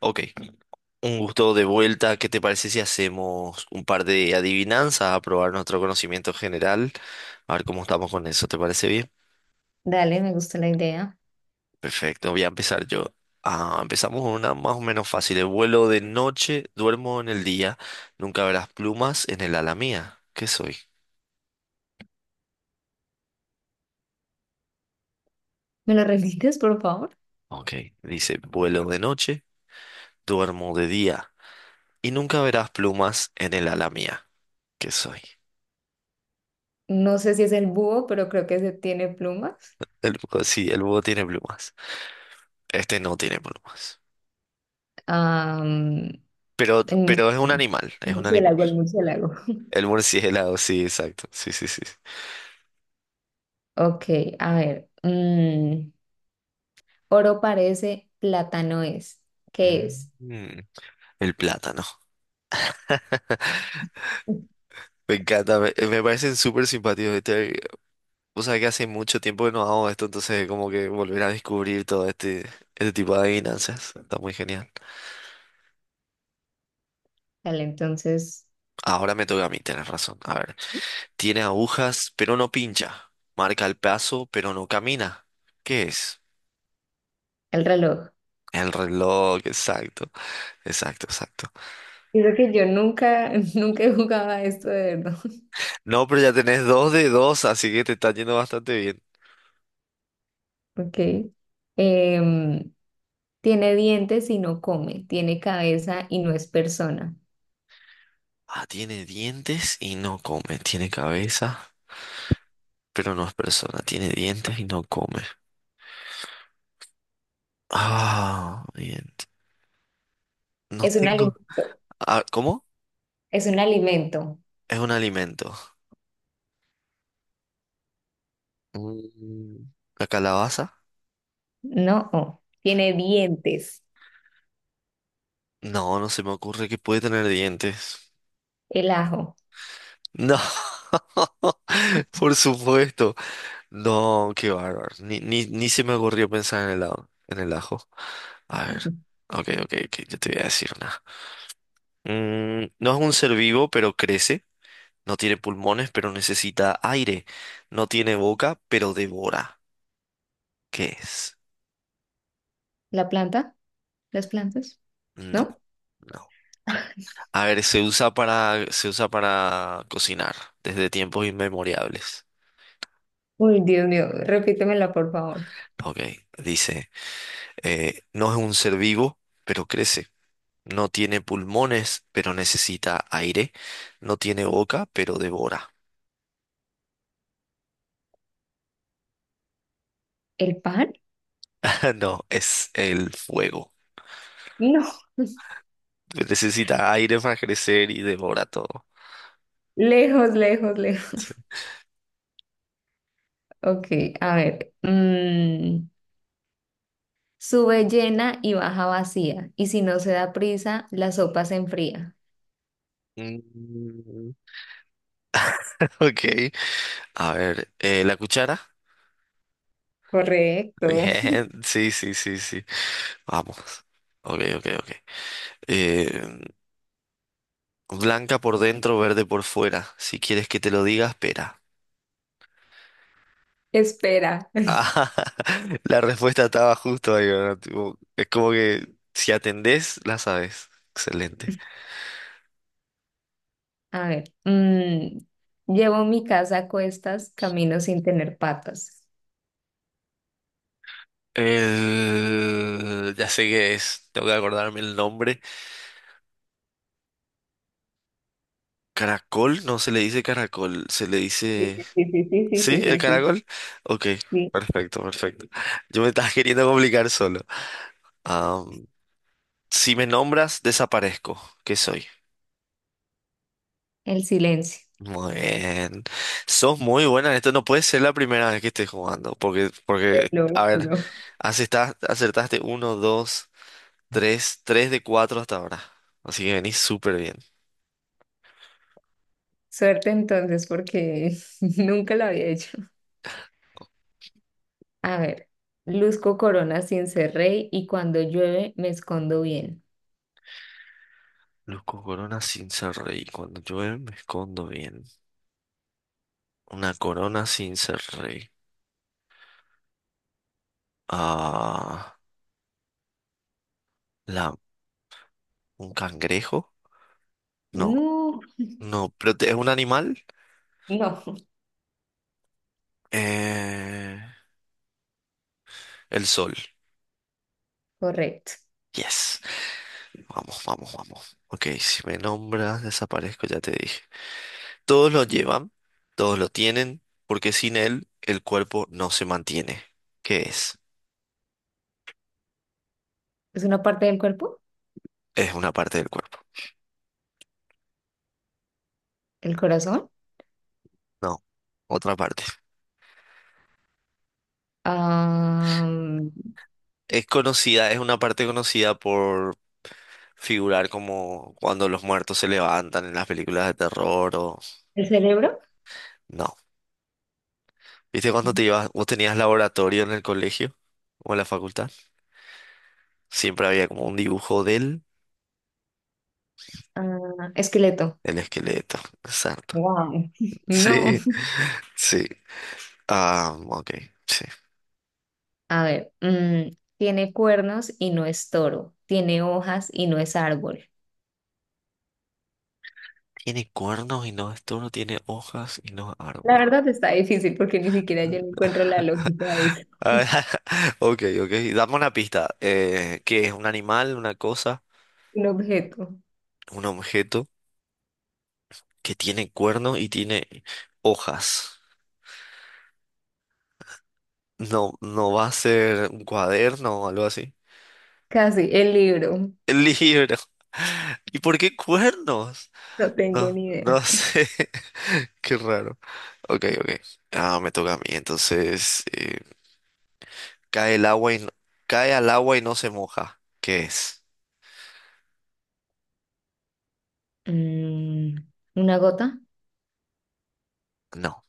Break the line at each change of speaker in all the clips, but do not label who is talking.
Ok, un gusto de vuelta. ¿Qué te parece si hacemos un par de adivinanzas a probar nuestro conocimiento general? A ver cómo estamos con eso, ¿te parece bien?
Dale, me gusta la idea.
Perfecto, voy a empezar yo. Ah, empezamos con una más o menos fácil. El vuelo de noche, duermo en el día, nunca verás plumas en el ala mía. ¿Qué soy?
¿Me lo repites, por favor?
Ok, dice, vuelo de noche, duermo de día, y nunca verás plumas en el ala mía. ¿Qué soy?
No sé si es el búho, pero creo que se tiene plumas.
El búho. Sí, el búho tiene plumas. Este no tiene plumas.
Am,
Pero,
el
pero es un
murciélago.
animal,
El
es un animal.
murciélago, el murciélago.
El murciélago, sí, exacto. Sí, sí, sí.
Ok, a ver. Oro parece, plátano es. ¿Qué es?
Mm, el plátano. Me encanta, me parecen súper simpáticos. Este, o sea que hace mucho tiempo que no hago esto, entonces como que volver a descubrir todo este tipo de adivinanzas. Está muy genial.
Dale, entonces,
Ahora me toca a mí, tienes razón. A ver, tiene agujas, pero no pincha. Marca el paso, pero no camina. ¿Qué es?
el reloj.
El reloj, exacto, exacto, exacto.
Creo que yo nunca, nunca jugaba esto de verdad.
No, pero ya tenés dos de dos, así que te está yendo bastante bien.
Ok. Em, Tiene dientes y no come. Tiene cabeza y no es persona.
Ah, tiene dientes y no come. Tiene cabeza, pero no es persona. Tiene dientes y no come. Ah, bien. No
Es un
tengo.
alimento.
Ah, ¿cómo?
Es un alimento.
Es un alimento. Mm, ¿La calabaza?
No, oh, tiene dientes.
No, no se me ocurre que puede tener dientes.
El ajo.
No. Por supuesto. No, qué bárbaro. Ni se me ocurrió pensar en el ajo. En el ajo. A ver. Ok, ok, ok. Yo te voy a decir una. No es un ser vivo, pero crece. No tiene pulmones, pero necesita aire. No tiene boca, pero devora. ¿Qué es?
¿La planta? ¿Las plantas?
No,
¿No?
no. A ver, se usa para cocinar desde tiempos inmemoriales.
Uy, Dios mío, repítemela, por favor.
Ok, dice, no es un ser vivo, pero crece. No tiene pulmones, pero necesita aire. No tiene boca, pero devora.
¿El pan?
No, es el fuego.
No.
Necesita aire para crecer y devora todo.
Lejos, lejos, lejos.
Sí.
Ok, a ver. Sube llena y baja vacía. Y si no se da prisa, la sopa se enfría.
Mm, ok. A ver, la cuchara.
Correcto.
Bien, sí, sí, sí, sí. Vamos. Ok, ok, ok. Eh, blanca por dentro, verde por fuera. Si quieres que te lo diga, espera.
Espera.
Ah, la respuesta estaba justo ahí, ¿verdad? Tipo, es como que si atendés, la sabes. Excelente.
A ver. mm, Llevo mi casa a cuestas, camino sin tener patas.
Ya sé qué es. Tengo que acordarme el nombre. Caracol, no se le dice caracol, se le
Sí,
dice...
sí, sí, sí, sí,
¿Sí?
sí,
¿El
sí, sí,
caracol? Ok,
sí.
perfecto, perfecto. Yo me estás queriendo complicar solo. Am, si me nombras, desaparezco. ¿Qué soy?
El silencio.
Muy bien. Sos muy buena en esto. No puede ser la primera vez que estés jugando. Porque,
Lo
a ver,
juro.
acertaste uno, dos, tres, de cuatro hasta ahora. Así que venís súper bien.
Suerte entonces, porque nunca lo había hecho. A ver, luzco corona sin ser rey y cuando llueve me escondo bien.
Luz corona sin ser rey. Cuando llueve me escondo bien. Una corona sin ser rey. Ah, la, un cangrejo. No,
No,
no, pero es un animal.
no,
Eh, el sol.
correcto.
Yes. Vamos, vamos, vamos. Ok, si me nombras, desaparezco, ya te dije. Todos lo llevan, todos lo tienen, porque sin él el cuerpo no se mantiene. ¿Qué es?
¿Es una parte del cuerpo?
Es una parte del cuerpo.
¿El corazón?
No, otra parte.
Ah,
Es conocida, es una parte conocida por figurar como cuando los muertos se levantan en las películas de terror o...
¿el cerebro?
No. ¿Viste cuando te ibas, vos tenías laboratorio en el colegio o en la facultad? Siempre había como un dibujo de él,
Ah, esqueleto.
el esqueleto. Exacto.
Wow, no.
Sí, sí. Ah, ok, sí.
A ver, mm, tiene cuernos y no es toro. Tiene hojas y no es árbol.
Tiene cuernos y no es toro, tiene hojas y no es
La
árbol.
verdad está difícil porque ni siquiera yo le encuentro la lógica a eso.
Ah, ok, ok. Dame una pista. ¿Qué es un animal, una cosa,
Un objeto,
un objeto que tiene cuernos y tiene hojas? No, no va a ser un cuaderno o algo así.
casi, el libro,
El libro. ¿Y por qué cuernos?
no tengo
No,
ni idea.
no sé. Qué raro. Ok, ok. Ah, me toca a mí. Entonces, cae el agua y no- cae al agua y no se moja. ¿Qué es?
Mm, ¿una gota?
No.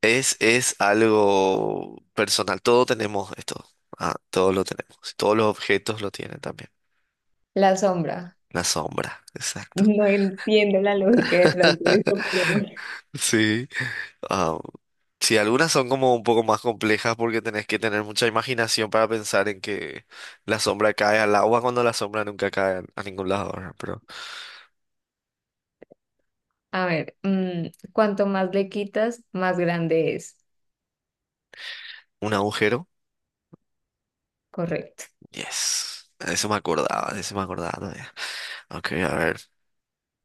Es algo personal. Todos tenemos esto. Ah, todos lo tenemos. Todos los objetos lo tienen también.
La sombra.
La sombra, exacto.
No entiendo la lógica detrás de eso, pero bueno.
Sí. Ah, sí, algunas son como un poco más complejas porque tenés que tener mucha imaginación para pensar en que la sombra cae al agua cuando la sombra nunca cae a ningún lado, ¿verdad? Pero
A ver, cuanto más le quitas, más grande es.
un agujero.
Correcto.
Yes. Eso me acordaba, de eso me acordaba todavía. Ok, a ver.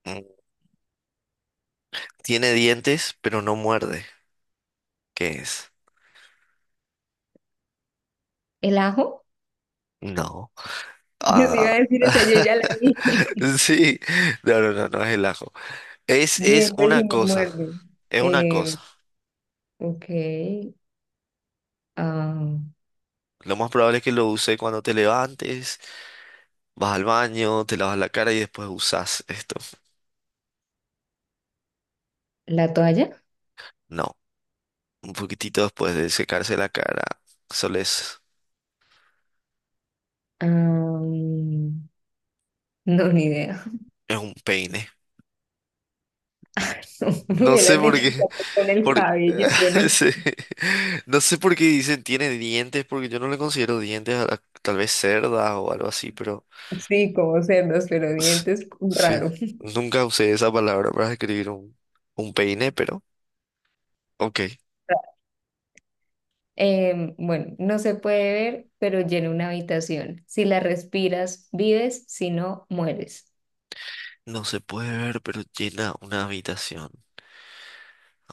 Mm, Tiene dientes, pero no muerde. ¿Qué es?
¿El ajo?
No.
Yo sí
Ah.
iba a decir esa, yo ya la dije.
Sí. No, no, no, no es el ajo. Es
Dientes
una
y no
cosa.
muerde.
Es una
Eh,
cosa.
ok. ah,
Lo más probable es que lo uses cuando te levantes, vas al baño, te lavas la cara y después usas esto.
¿La toalla?
No. Un poquitito después de secarse la cara. Solo es,
Ah, no, ni idea.
Es un peine.
Me
No sé
hubieras
por
dicho
qué.
que con el
Por...
cabello, yo no sé,
sí. No sé por qué dicen tiene dientes, porque yo no le considero dientes, tal vez cerdas o algo así, pero
sí, como cerdos, pero
s-
dientes
sí,
raro.
nunca usé esa palabra para escribir un peine, pero ok.
Bueno, no se puede ver, pero llena una habitación. Si la respiras, vives, si no, mueres.
No se puede ver, pero llena una habitación.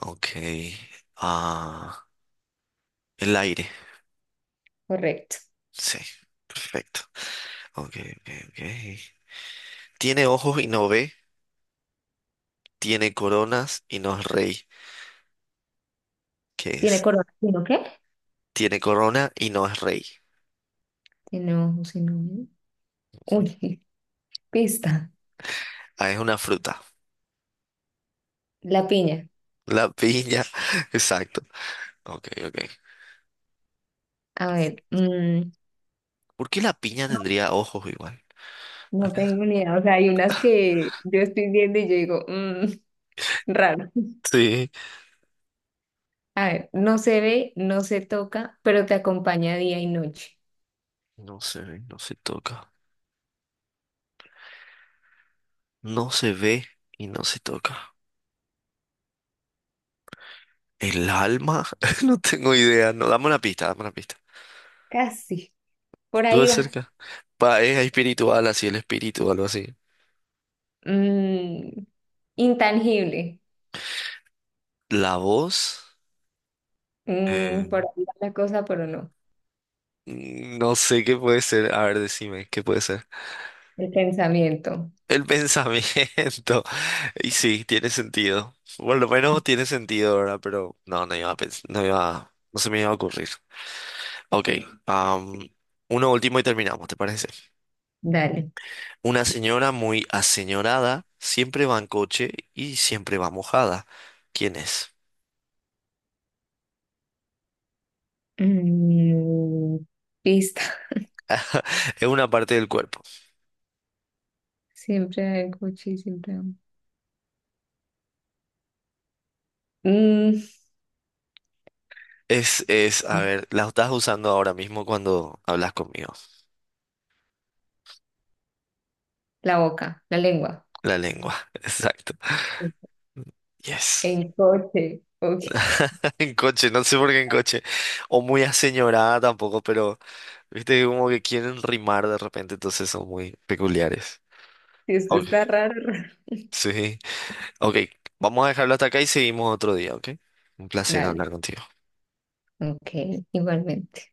Ok. Ah, el aire.
Correcto.
Sí, perfecto. Ok, ok, ok. Tiene ojos y no ve, tiene coronas y no es rey. ¿Qué
¿Tiene
es?
corona? ¿Si no qué?
Tiene corona y no es rey.
Si no, si no. Uy, pista.
Ah, es una fruta.
La piña.
La piña. Exacto. Ok, ok.
A ver, mm,
¿Por qué la piña tendría ojos igual?
no tengo ni idea. O sea, hay unas que yo estoy viendo y yo digo, mm, raro.
Sí.
A ver, no se ve, no se toca, pero te acompaña día y noche.
No se ve, no se toca. No se ve y no se toca. ¿El alma? No tengo idea. No, dame una pista, dame una pista.
Casi. Por
Estuve
ahí va.
cerca. Pa, es espiritual, así el espíritu, o algo así.
Mm, intangible.
¿La voz?
Mm,
Eh,
por ahí va la cosa, pero no.
No sé qué puede ser. A ver, decime, ¿qué puede ser?
El pensamiento.
El pensamiento. Y sí, tiene sentido. Por lo menos tiene sentido, ¿verdad? Pero no, no iba, no se me iba a ocurrir. Ok, am, uno último y terminamos, ¿te parece?
Dale.
Una señora muy aseñorada siempre va en coche y siempre va mojada. ¿Quién es?
Mm, pista.
Es una parte del cuerpo.
Siempre hay coche, y siempre hay- Mm,
A ver, la estás usando ahora mismo cuando hablas conmigo.
la boca, la lengua.
La lengua, exacto. Yes.
En coche. Ok.
En coche, no sé por qué en coche. O muy aseñorada tampoco, pero viste que como que quieren rimar de repente, entonces son muy peculiares.
Si esto
Ok,
está raro. Raro.
sí. Ok, vamos a dejarlo hasta acá y seguimos otro día, ¿ok? Un placer
Dale.
hablar contigo.
Ok, igualmente.